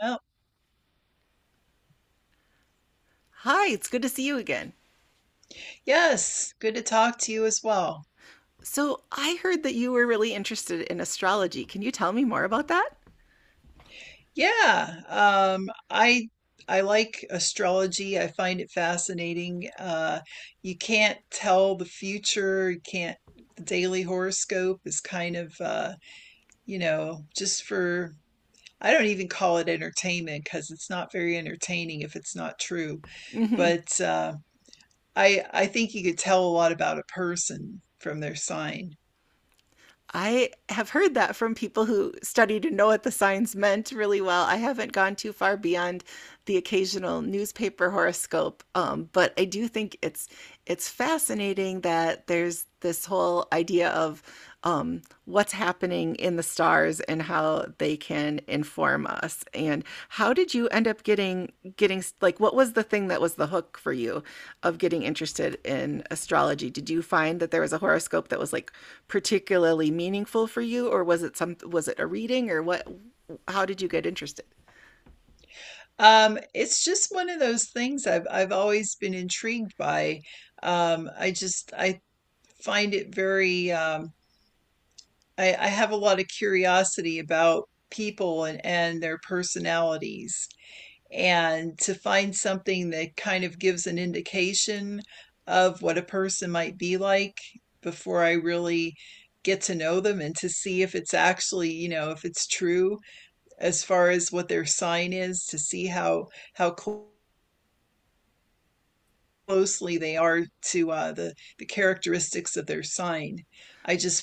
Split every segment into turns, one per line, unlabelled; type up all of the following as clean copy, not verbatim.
Oh,
Hi, it's good to see you again.
yes. Good to talk to you as well.
So, I heard that you were really interested in astrology. Can you tell me more about that?
Yeah, I like astrology. I find it fascinating. You can't tell the future. You can't. The daily horoscope is kind of, just I don't even call it entertainment because it's not very entertaining if it's not true. But I think you could tell a lot about a person from their sign.
I have heard that from people who studied and know what the signs meant really well. I haven't gone too far beyond the occasional newspaper horoscope, but I do think it's fascinating that there's this whole idea of what's happening in the stars and how they can inform us. And how did you end up getting like what was the thing that was the hook for you of getting interested in astrology? Did you find that there was a horoscope that was like particularly meaningful for you, or was it some was it a reading, or what? How did you get interested?
It's just one of those things I've always been intrigued by. I find it very I have a lot of curiosity about people and their personalities. And to find something that kind of gives an indication of what a person might be like before I really get to know them and to see if it's actually, you know, if it's true as far as what their sign is, to see how how clo- closely they are to the characteristics of their sign. I just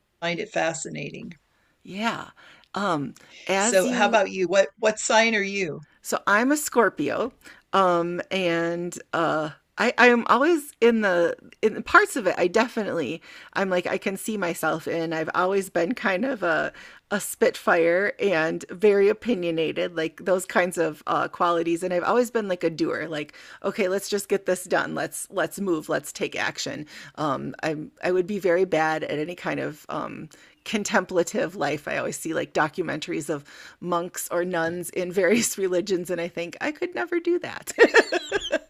find it fascinating.
Yeah. Um, as
So how
you
about you? What sign are you?
So I'm a Scorpio, and I am always in the parts of it. I definitely I'm like I can see myself in. I've always been kind of a spitfire and very opinionated, like those kinds of qualities. And I've always been like a doer. Like, okay, let's just get this done. Let's move, let's take action. Um i i would be very bad at any kind of contemplative life. I always see like documentaries of monks or nuns in various religions, and I think I could never do that.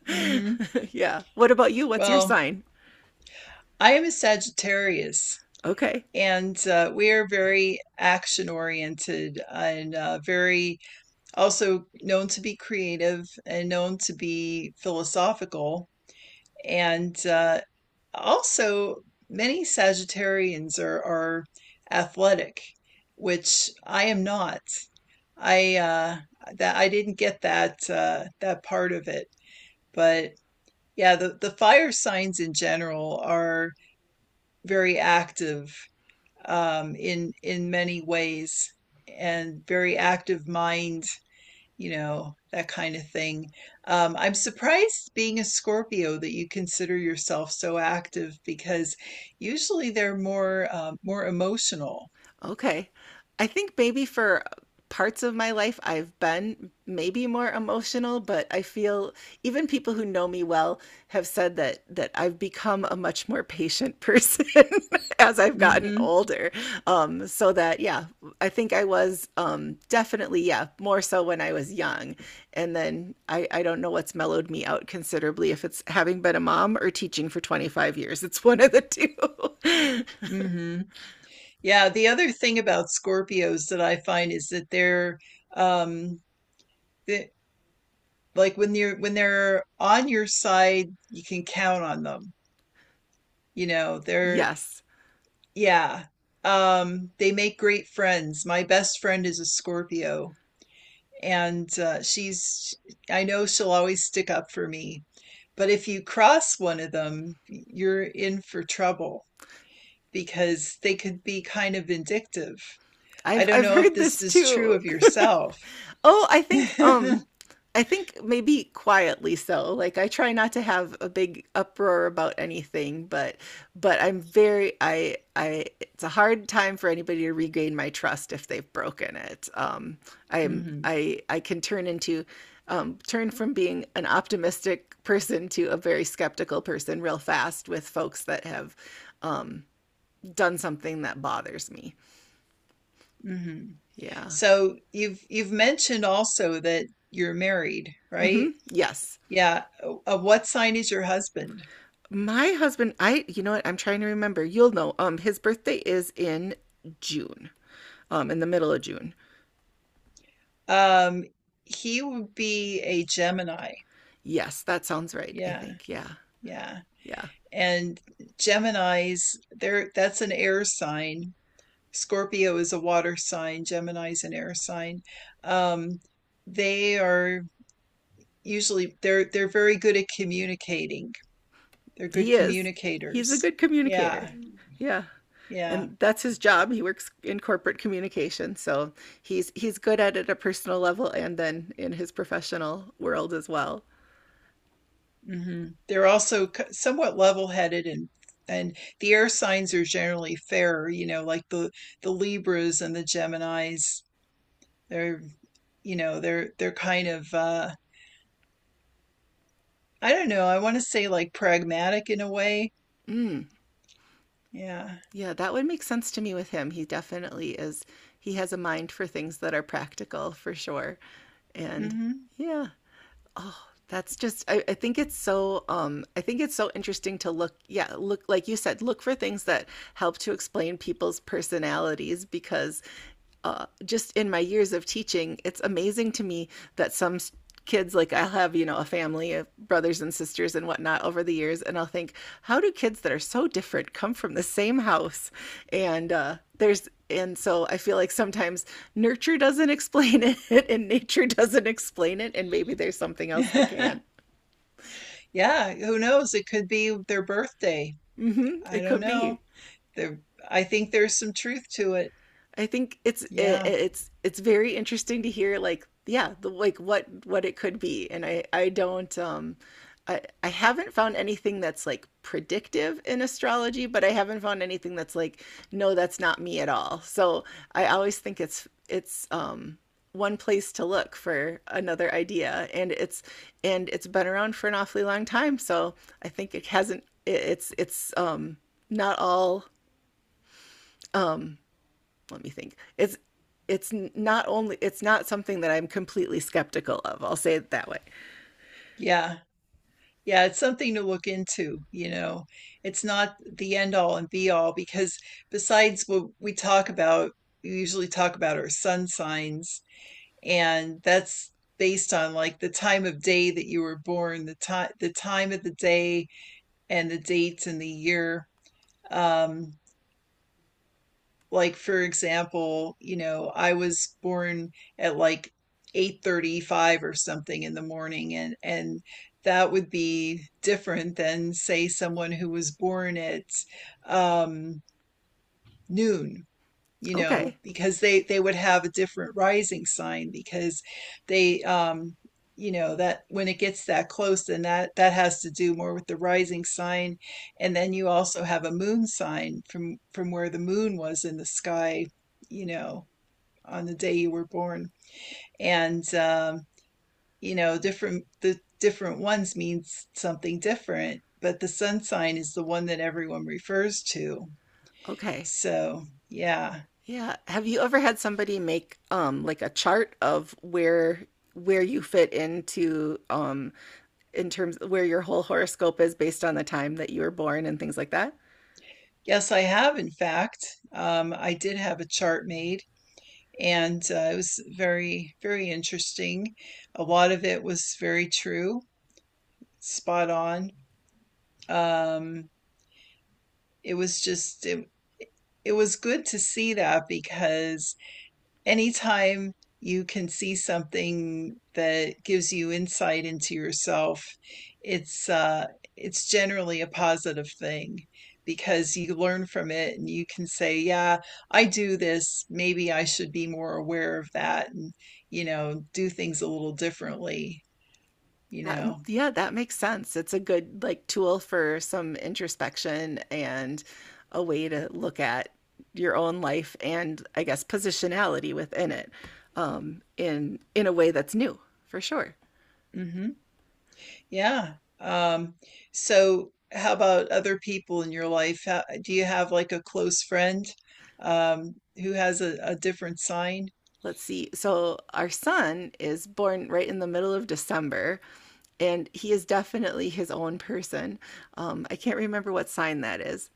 Hmm.
Yeah, what about you? What's your
Well,
sign?
I am a Sagittarius,
Okay.
and we are very action oriented and very also known to be creative and known to be philosophical. And uh, also, Many Sagittarians are athletic, which I am not. I that I didn't get that part of it. But yeah, the fire signs in general are very active in many ways and very active mind, you know, that kind of thing. I'm surprised being a Scorpio that you consider yourself so active because usually they're more emotional.
Okay. I think maybe for parts of my life, I've been maybe more emotional, but I feel even people who know me well have said that I've become a much more patient person as I've gotten
Hmm.
older. So that, yeah, I think I was definitely, yeah, more so when I was young. And then I don't know what's mellowed me out considerably, if it's having been a mom or teaching for 25 years. It's one of the two.
Hmm. Yeah, the other thing about Scorpios that I find is that um, th- like when they're on your side, you can count on them. You know, they're
Yes.
yeah. They make great friends. My best friend is a Scorpio, and she's I know she'll always stick up for me. But if you cross one of them, you're in for trouble because they could be kind of vindictive. I
I've
don't
I've
know if
heard
this
this
is true
too.
of yourself.
Oh, I think maybe quietly so. Like I try not to have a big uproar about anything, but I'm very I it's a hard time for anybody to regain my trust if they've broken it. I'm
Hmm.
I I can turn into turn from being an optimistic person to a very skeptical person real fast with folks that have done something that bothers me.
Hmm.
Yeah.
So you've mentioned also that you're married, right?
Hmm. Yes.
Yeah. What sign is your husband?
My husband, I you know what? I'm trying to remember. You'll know. His birthday is in June. In the middle of June.
Um, he would be a Gemini.
Yes, that sounds right, I
Yeah,
think. Yeah.
yeah.
Yeah.
And Geminis, there that's an air sign. Scorpio is a water sign. Gemini's an air sign. Um, they are usually they're very good at communicating. They're good
He is. He's a
communicators.
good
Yeah,
communicator. Yeah.
yeah.
And that's his job. He works in corporate communication, so he's good at it at a personal level and then in his professional world as well.
Hmm. They're also somewhat level-headed, and the air signs are generally fairer, you know, like the Libras and the Geminis. They're, you know, they're kind of I don't know, I want to say like pragmatic in a way.
Mm.
Yeah.
Yeah, that would make sense to me with him. He definitely is, he has a mind for things that are practical for sure. And
Hmm.
yeah, oh, that's just, I think it's so, I think it's so interesting to look, yeah, look, like you said, look for things that help to explain people's personalities because just in my years of teaching, it's amazing to me that some kids, like I'll have, a family of brothers and sisters and whatnot over the years, and I'll think, how do kids that are so different come from the same house? And there's, and so I feel like sometimes nurture doesn't explain it and nature doesn't explain it, and maybe there's something else that can
Yeah, who knows? It could be their birthday. I
it
don't
could
know.
be.
There, I think there's some truth to it.
I think it's it,
Yeah.
it's very interesting to hear like yeah the, like what it could be. And I don't I haven't found anything that's like predictive in astrology, but I haven't found anything that's like, no, that's not me at all. So I always think it's one place to look for another idea. And it's and it's been around for an awfully long time. So I think it hasn't it's not all, let me think. It's not only it's not something that I'm completely skeptical of. I'll say it that way.
Yeah. Yeah, it's something to look into, you know. It's not the end all and be all because besides what we talk about, we usually talk about our sun signs, and that's based on like the time of day that you were born, the time of the day and the dates and the year. Um, like for example, you know, I was born at like 8:35 or something in the morning, and that would be different than say someone who was born at um noon, you
Okay.
know, because they would have a different rising sign because they you know, that when it gets that close, then that has to do more with the rising sign, and then you also have a moon sign from where the moon was in the sky, you know, on the day you were born. And you know, different ones means something different, but the sun sign is the one that everyone refers to,
Okay.
so yeah.
Yeah. Have you ever had somebody make like a chart of where you fit into in terms where your whole horoscope is based on the time that you were born and things like that?
Yes, I have, in fact. I did have a chart made, and it was very, very interesting. A lot of it was very true, spot on. Um, it was it was good to see that because anytime you can see something that gives you insight into yourself, it's uh it's generally a positive thing because you learn from it, and you can say yeah, I do this, maybe I should be more aware of that, and you know, do things a little differently, you
That,
know.
yeah, that makes sense. It's a good like tool for some introspection and a way to look at your own life and I guess positionality within it, in a way that's new for sure.
Mhm. Yeah. Um, so how about other people in your life? How, do you have like a close friend who has a different sign?
Let's see. So our son is born right in the middle of December, and he is definitely his own person. I can't remember what sign that is,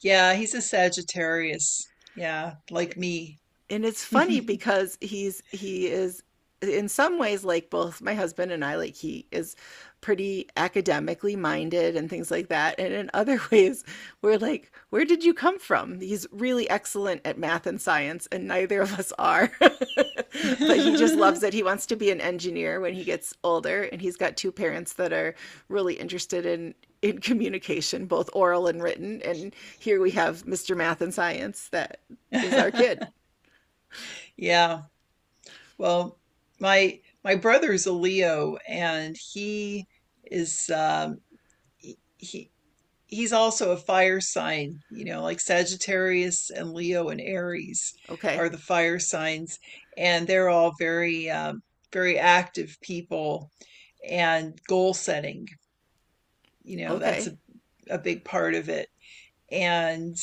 Yeah, he's a Sagittarius. Yeah, like me.
and it's funny because he is in some ways like both my husband and I. Like he is pretty academically minded and things like that, and in other ways we're like, where did you come from? He's really excellent at math and science and neither of us are. But he just loves it. He wants to be an engineer when he gets older, and he's got two parents that are really interested in communication, both oral and written, and here we have Mr. Math and Science that is our kid.
Yeah. Well, my brother's a Leo, and he is he, he he's also a fire sign, you know, like Sagittarius and Leo and Aries
Okay.
are the fire signs, and they're all very very active people and goal setting. You know, that's
Okay.
a big part of it. And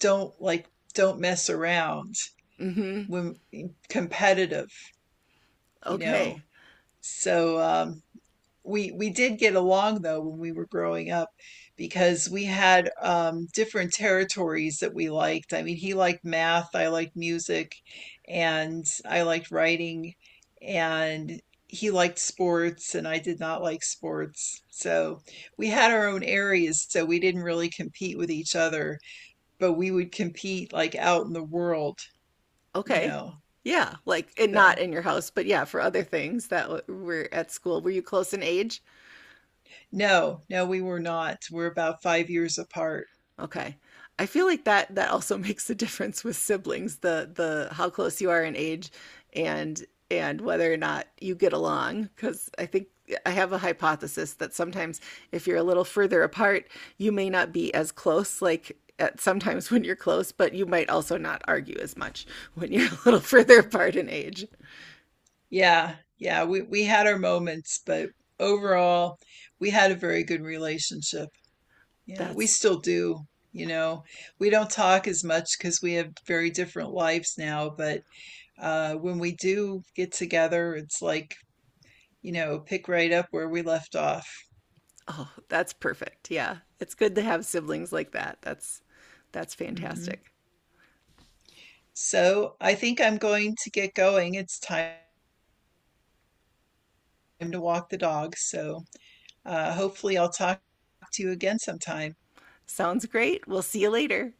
don't like, don't mess around
Mm-hmm.
when competitive, you know.
Okay.
So, we did get along though when we were growing up because we had different territories that we liked. I mean, he liked math, I liked music, and I liked writing, and he liked sports, and I did not like sports. So we had our own areas, so we didn't really compete with each other, but we would compete like out in the world, you
Okay.
know.
Yeah. Like, and not
So
in your house, but yeah, for other things that were at school. Were you close in age?
no, no, we were not. We're about 5 years apart.
Okay. I feel like that that also makes a difference with siblings, the how close you are in age and and whether or not you get along, because I think I have a hypothesis that sometimes if you're a little further apart, you may not be as close, like at sometimes when you're close, but you might also not argue as much when you're a little further apart in age.
Yeah, yeah, we had our moments, but overall, we had a very good relationship. Yeah, we
That's
still do, you know. We don't talk as much because we have very different lives now, but when we do get together, it's like, you know, pick right up where we left off.
oh, that's perfect. Yeah. It's good to have siblings like that. That's
Hmm.
fantastic.
So, I think I'm going to get going. It's time to walk the dog, so hopefully I'll talk to you again sometime.
Sounds great. We'll see you later.